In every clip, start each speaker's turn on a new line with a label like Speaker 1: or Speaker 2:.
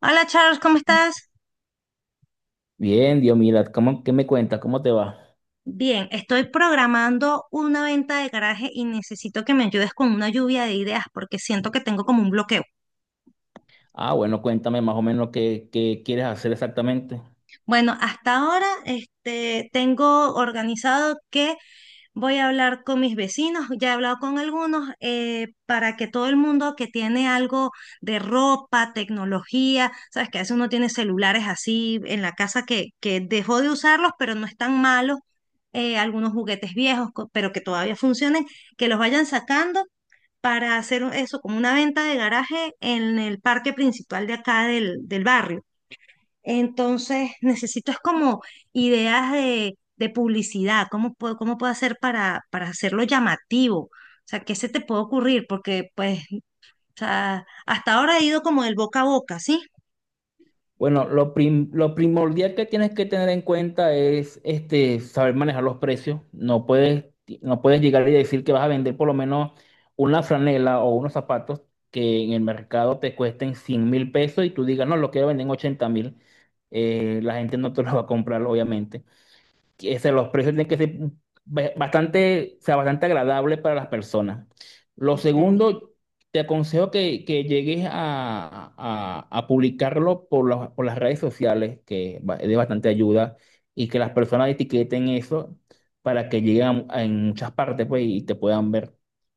Speaker 1: Hola Charles, ¿cómo estás?
Speaker 2: Bien, Diomila, ¿cómo, qué me cuenta? ¿Cómo te va?
Speaker 1: Bien, estoy programando una venta de garaje y necesito que me ayudes con una lluvia de ideas porque siento que tengo como un bloqueo.
Speaker 2: Ah, bueno, cuéntame más o menos qué quieres hacer exactamente.
Speaker 1: Bueno, hasta ahora tengo organizado que voy a hablar con mis vecinos, ya he hablado con algunos, para que todo el mundo que tiene algo de ropa, tecnología, sabes que a veces uno tiene celulares así en la casa que dejó de usarlos, pero no están malos, algunos juguetes viejos, pero que todavía funcionen, que los vayan sacando para hacer eso como una venta de garaje en el parque principal de acá del barrio. Entonces, necesito es como ideas de publicidad, cómo puedo hacer para hacerlo llamativo. O sea, ¿qué se te puede ocurrir? Porque, pues, o sea, hasta ahora he ido como del boca a boca, ¿sí?
Speaker 2: Bueno, lo primordial que tienes que tener en cuenta es saber manejar los precios. No puedes llegar y decir que vas a vender por lo menos una franela o unos zapatos que en el mercado te cuesten 100.000 pesos y tú digas, no, lo quiero vender en 80.000. La gente no te lo va a comprar, obviamente. Los precios tienen que ser bastante, o sea, bastante agradable para las personas. Lo
Speaker 1: Ok.
Speaker 2: segundo, te aconsejo que llegues a publicarlo por las redes sociales, es de bastante ayuda, y que las personas etiqueten eso para que lleguen a en muchas partes pues, y te puedan ver.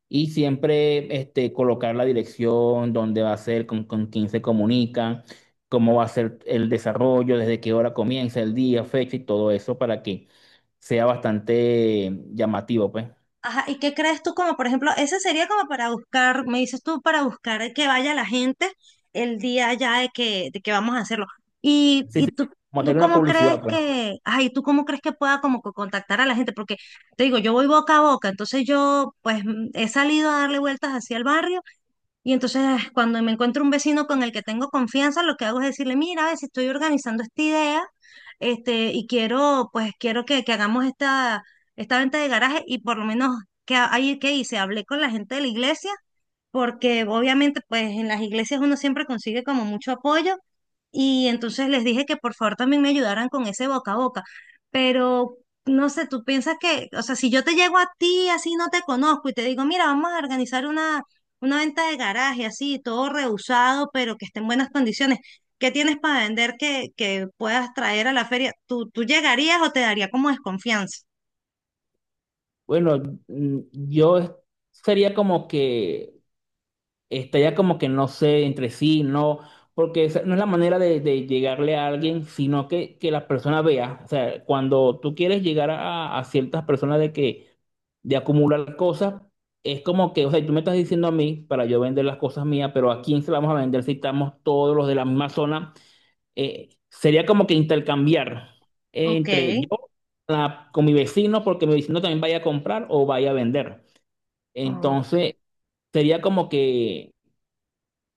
Speaker 2: Y siempre colocar la dirección, dónde va a ser, con quién se comunican, cómo va a ser el desarrollo, desde qué hora comienza el día, fecha y todo eso para que sea bastante llamativo, pues.
Speaker 1: Ajá, ¿y qué crees tú como, por ejemplo, ese sería como para buscar, me dices tú, para buscar que vaya la gente el día ya de que vamos a hacerlo? ¿Y,
Speaker 2: Sí, sí,
Speaker 1: y tú,
Speaker 2: como
Speaker 1: tú
Speaker 2: hacer una
Speaker 1: cómo crees
Speaker 2: publicidad, pues.
Speaker 1: que, ay, tú cómo crees que pueda como contactar a la gente? Porque te digo, yo voy boca a boca, entonces yo pues he salido a darle vueltas hacia el barrio y entonces cuando me encuentro un vecino con el que tengo confianza, lo que hago es decirle, mira, a ver si estoy organizando esta idea, y quiero, pues quiero que hagamos esta, esta venta de garaje y por lo menos que ahí que hice, hablé con la gente de la iglesia porque obviamente pues en las iglesias uno siempre consigue como mucho apoyo y entonces les dije que por favor también me ayudaran con ese boca a boca, pero no sé, tú piensas que, o sea, si yo te llego a ti así no te conozco y te digo, mira, vamos a organizar una venta de garaje así, todo rehusado, pero que esté en buenas condiciones. ¿Qué tienes para vender que puedas traer a la feria? ¿Tú llegarías o te daría como desconfianza?
Speaker 2: Bueno, mm, yo es- sería como que estaría como que no sé entre sí, no, porque esa no es la manera de llegarle a alguien, sino que la persona vea. O sea, cuando tú quieres llegar a ciertas personas de que de acumular cosas, es como que, o sea, tú me estás diciendo a mí para yo vender las cosas mías, pero ¿a quién se las vamos a vender si estamos todos los de la misma zona? Sería como que intercambiar
Speaker 1: Ok,
Speaker 2: entre yo con mi vecino, porque mi vecino también vaya a comprar o vaya a vender.
Speaker 1: ok,
Speaker 2: Entonces, sería como que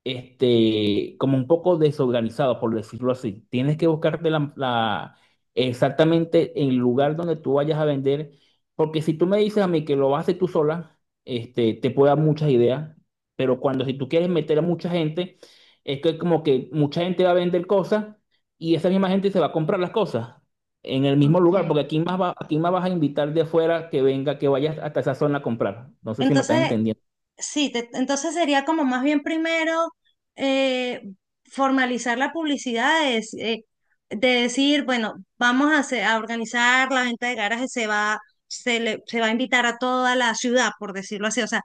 Speaker 2: como un poco desorganizado, por decirlo así. Tienes que buscarte exactamente el lugar donde tú vayas a vender, porque si tú me dices a mí que lo vas a hacer tú sola, te puedo dar muchas ideas, pero cuando si tú quieres meter a mucha gente, es que como que mucha gente va a vender cosas y esa misma gente se va a comprar las cosas. En el mismo lugar,
Speaker 1: ok.
Speaker 2: porque aquí más va, aquí más vas a invitar de afuera que venga, que vayas hasta esa zona a comprar. No sé si me estás
Speaker 1: Entonces,
Speaker 2: entendiendo.
Speaker 1: sí, entonces sería como más bien primero eh, formalizar la publicidad, de decir, bueno, vamos a, a organizar la venta de garajes, se va a invitar a toda la ciudad, por decirlo así, o sea,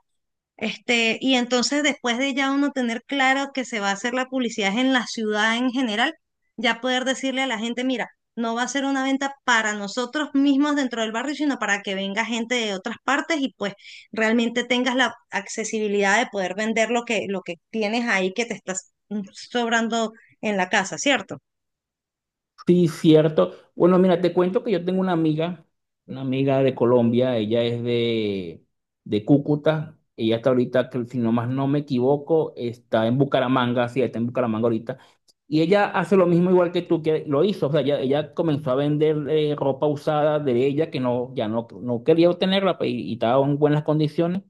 Speaker 1: y entonces después de ya uno tener claro que se va a hacer la publicidad en la ciudad en general, ya poder decirle a la gente, mira, no va a ser una venta para nosotros mismos dentro del barrio, sino para que venga gente de otras partes y pues realmente tengas la accesibilidad de poder vender lo que tienes ahí que te estás sobrando en la casa, ¿cierto?
Speaker 2: Sí, cierto. Bueno, mira, te cuento que yo tengo una amiga de Colombia, ella es de Cúcuta, ella está ahorita, que si no más no me equivoco, está en Bucaramanga, sí, está en Bucaramanga ahorita, y ella hace lo mismo igual que tú, que lo hizo, o sea, ella comenzó a vender ropa usada de ella que no, ya no quería obtenerla pues, y estaba en buenas condiciones,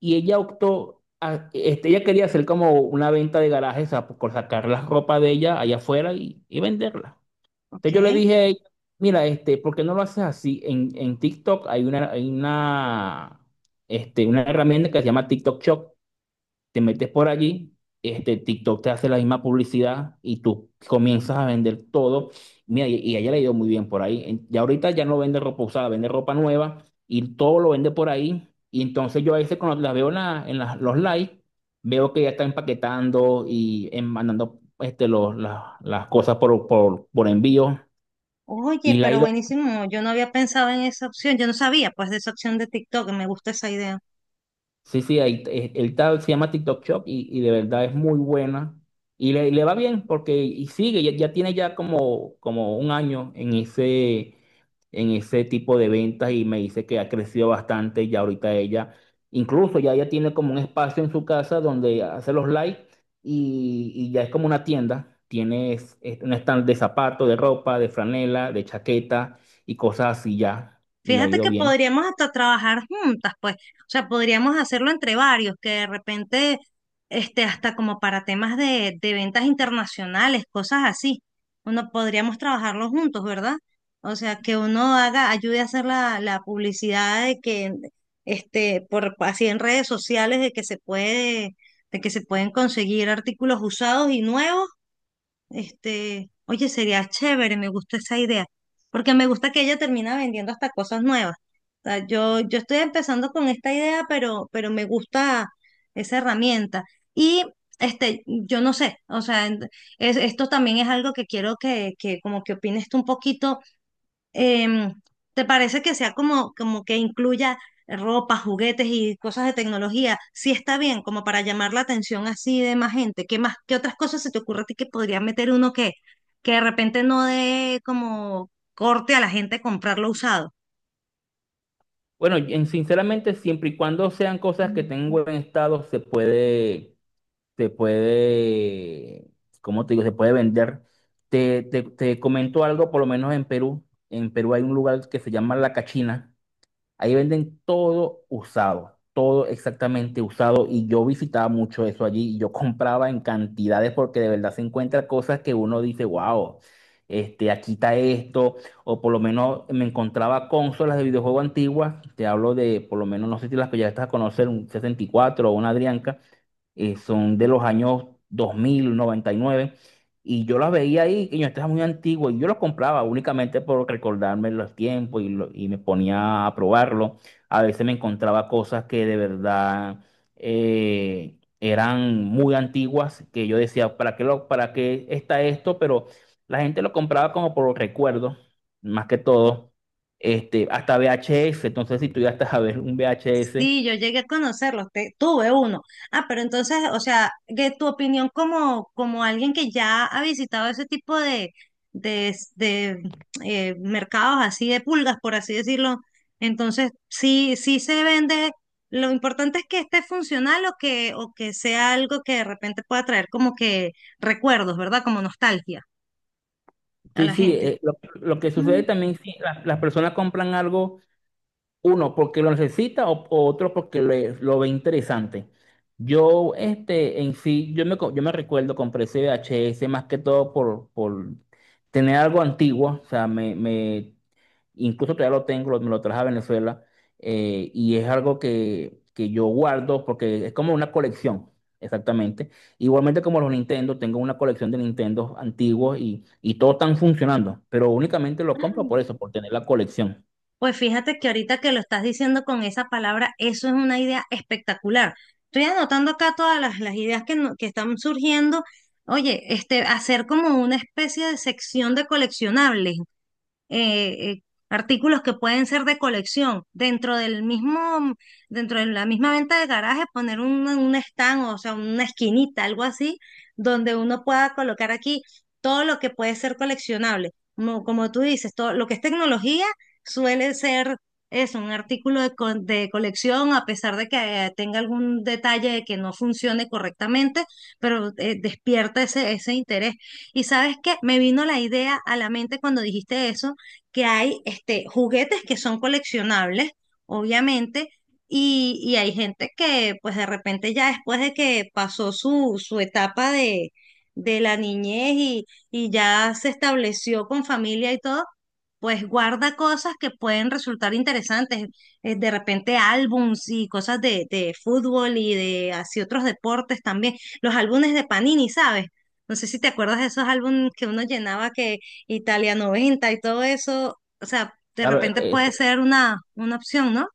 Speaker 2: y ella optó, ella quería hacer como una venta de garajes, o sea, por sacar la ropa de ella allá afuera y venderla.
Speaker 1: Ok.
Speaker 2: Entonces yo le dije a ella, mira, ¿por qué no lo haces así? En TikTok hay una herramienta que se llama TikTok Shop. Te metes por allí, TikTok te hace la misma publicidad y tú comienzas a vender todo. Mira, y a ella le ha ido muy bien por ahí. Ya ahorita ya no vende ropa usada, vende ropa nueva y todo lo vende por ahí. Y entonces yo a veces cuando las veo en, la- en las- los likes, veo que ya está empaquetando y mandando los, las cosas por envío. Y
Speaker 1: Oye,
Speaker 2: la he
Speaker 1: pero
Speaker 2: ido,
Speaker 1: buenísimo, yo no había pensado en esa opción, yo no sabía pues de esa opción de TikTok, me gusta esa idea.
Speaker 2: sí, sí, ahí, se llama TikTok Shop y de verdad es muy buena. Y le va bien porque y sigue, ya, ya tiene ya como un año en ese tipo de ventas y me dice que ha crecido bastante y ya ahorita ella, incluso ya ella tiene como un espacio en su casa donde hace los live y ya es como una tienda. Tienes un stand de zapatos, de ropa, de franela, de chaqueta y cosas así ya. Y le ha
Speaker 1: Fíjate
Speaker 2: ido
Speaker 1: que
Speaker 2: bien.
Speaker 1: podríamos hasta trabajar juntas, pues. O sea, podríamos hacerlo entre varios, que de repente, hasta como para temas de ventas internacionales, cosas así. Uno podríamos trabajarlo juntos, ¿verdad? O sea, que uno haga, ayude a hacer la publicidad de que, por así en redes sociales, de que se puede, de que se pueden conseguir artículos usados y nuevos, oye, sería chévere, me gusta esa idea, porque me gusta que ella termina vendiendo hasta cosas nuevas. O sea, yo estoy empezando con esta idea, pero me gusta esa herramienta. Y yo no sé, o sea, esto también es algo que quiero que como que opines tú un poquito. em, ¿Te parece que sea como, como que incluya ropa, juguetes y cosas de tecnología? Sí está bien, como para llamar la atención así de más gente. ¿Qué más, qué otras cosas se te ocurre a ti que podría meter uno que de repente no dé como corte a la gente comprarlo usado?
Speaker 2: Bueno, sinceramente, siempre y cuando sean cosas que tengan buen estado, se puede, ¿cómo te digo? Se puede vender. Te comento algo, por lo menos en Perú. En Perú hay un lugar que se llama La Cachina. Ahí venden todo usado, todo exactamente usado. Y yo visitaba mucho eso allí y yo compraba en cantidades porque de verdad se encuentra cosas que uno dice, wow, aquí está esto. O por lo menos me encontraba consolas de videojuego antiguas. Te hablo de, por lo menos, no sé si las que ya estás a conocer, un 64 o una Adrianca. Son de los años dos mil noventa y nueve. Y yo las veía ahí, y yo estaba muy antiguo, y yo los compraba únicamente por recordarme los tiempos y, y me ponía a probarlo. A veces me encontraba cosas que de verdad eran muy antiguas, que yo decía, ¿para qué está esto? Pero la gente lo compraba como por recuerdo, más que todo. Hasta VHS, entonces si tú ya estás a ver un VHS.
Speaker 1: Sí, yo llegué a conocerlos, tuve uno. Ah, pero entonces, o sea, de tu opinión como, como alguien que ya ha visitado ese tipo de, de mercados así de pulgas, por así decirlo, entonces sí, sí se vende. Lo importante es que esté funcional o que sea algo que de repente pueda traer como que recuerdos, ¿verdad? Como nostalgia a
Speaker 2: Sí,
Speaker 1: la
Speaker 2: sí,
Speaker 1: gente.
Speaker 2: lo que sucede
Speaker 1: Mm,
Speaker 2: también, sí, las personas compran algo. Uno porque lo necesita o otro porque lo ve interesante. Yo, en sí, yo me recuerdo, compré ese V H S más que todo por tener algo antiguo, o sea, incluso todavía lo tengo, me lo traje a Venezuela, y es algo que yo guardo porque es como una colección, exactamente. Igualmente como los Nintendo, tengo una colección de Nintendo antiguos y todos están funcionando, pero únicamente lo compro
Speaker 1: ah,
Speaker 2: por eso, por tener la colección.
Speaker 1: pues fíjate que ahorita que lo estás diciendo con esa palabra, eso es una idea espectacular. Estoy anotando acá todas las ideas que, no- que están surgiendo. Oye, hacer como una especie de sección de coleccionables, eh, eh, artículos que pueden ser de colección. Dentro de la misma venta de garaje, poner un stand, o sea, una esquinita, algo así, donde uno pueda colocar aquí todo lo que puede ser coleccionable. Como, como tú dices, todo lo que es tecnología suele ser eso, un artículo de colección, a pesar de que tenga algún detalle de que no funcione correctamente, pero despierta ese, ese interés. Y sabes qué, me vino la idea a la mente cuando dijiste eso, que hay juguetes que son coleccionables, obviamente, y hay gente que pues de repente ya después de que pasó su etapa de la niñez y ya se estableció con familia y todo, pues guarda cosas que pueden resultar interesantes. De repente álbums y cosas de fútbol y de así otros deportes también, los álbumes de Panini, ¿sabes? No sé si te acuerdas de esos álbumes que uno llenaba que Italia 90 y todo eso, o sea, de
Speaker 2: Claro,
Speaker 1: repente puede ser una opción, ¿no?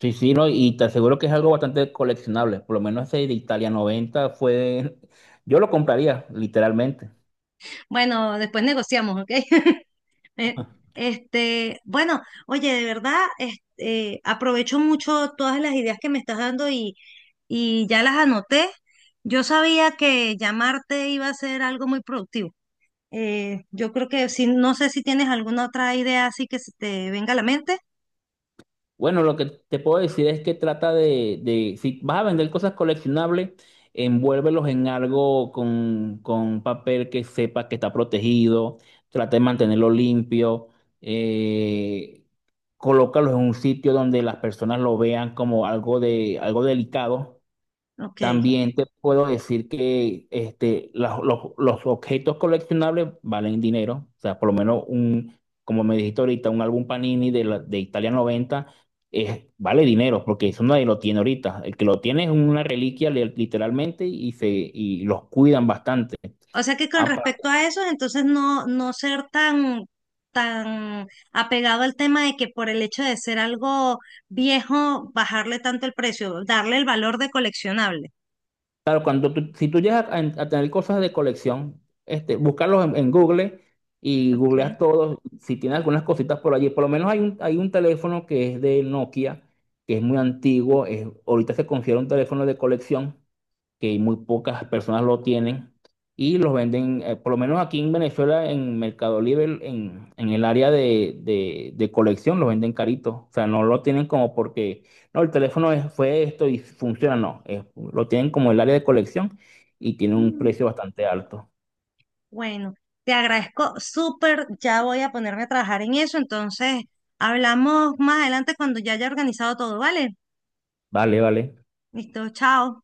Speaker 2: Sí, sí, no, y te aseguro que es algo bastante coleccionable. Por lo menos ese de Italia 90 fue. Yo lo compraría, literalmente.
Speaker 1: Bueno, después negociamos, ¿ok? Eh, bueno, oye, de verdad, aprovecho mucho todas las ideas que me estás dando y ya las anoté. Yo sabía que llamarte iba a ser algo muy productivo. Yo creo que si, no sé si tienes alguna otra idea así que se te venga a la mente.
Speaker 2: Bueno, lo que te puedo decir es que trata si vas a vender cosas coleccionables, envuélvelos en algo con papel que sepa que está protegido, trata de mantenerlo limpio, eh, colócalos en un sitio donde las personas lo vean como algo delicado.
Speaker 1: Ok.
Speaker 2: También te puedo decir que los objetos coleccionables valen dinero. O sea, por lo menos un, como me dijiste ahorita, un álbum Panini de Italia 90 es, vale dinero, porque eso nadie lo tiene ahorita. El que lo tiene es una reliquia literalmente y los cuidan bastante.
Speaker 1: O sea que con respecto a eso, entonces no, no ser tan, tan apegado al tema de que por el hecho de ser algo viejo, bajarle tanto el precio, darle el valor de coleccionable.
Speaker 2: Claro, cuando si tú llegas a tener cosas de colección, buscarlos en Google y
Speaker 1: Ok.
Speaker 2: googleas todos. Si tienes algunas cositas por allí, por lo menos hay un teléfono que es de Nokia, que es muy antiguo, ahorita se considera un teléfono de colección, que muy pocas personas lo tienen y los venden, por lo menos aquí en Venezuela, en Mercado Libre, en el área de colección, los venden caritos. O sea, no lo tienen como porque, no, el teléfono fue esto y funciona, no. Lo tienen como el área de colección y tiene un
Speaker 1: Mm,
Speaker 2: precio bastante alto.
Speaker 1: bueno, te agradezco súper, ya voy a ponerme a trabajar en eso, entonces hablamos más adelante cuando ya haya organizado todo, ¿vale?
Speaker 2: Vale, vale.
Speaker 1: Listo, chao.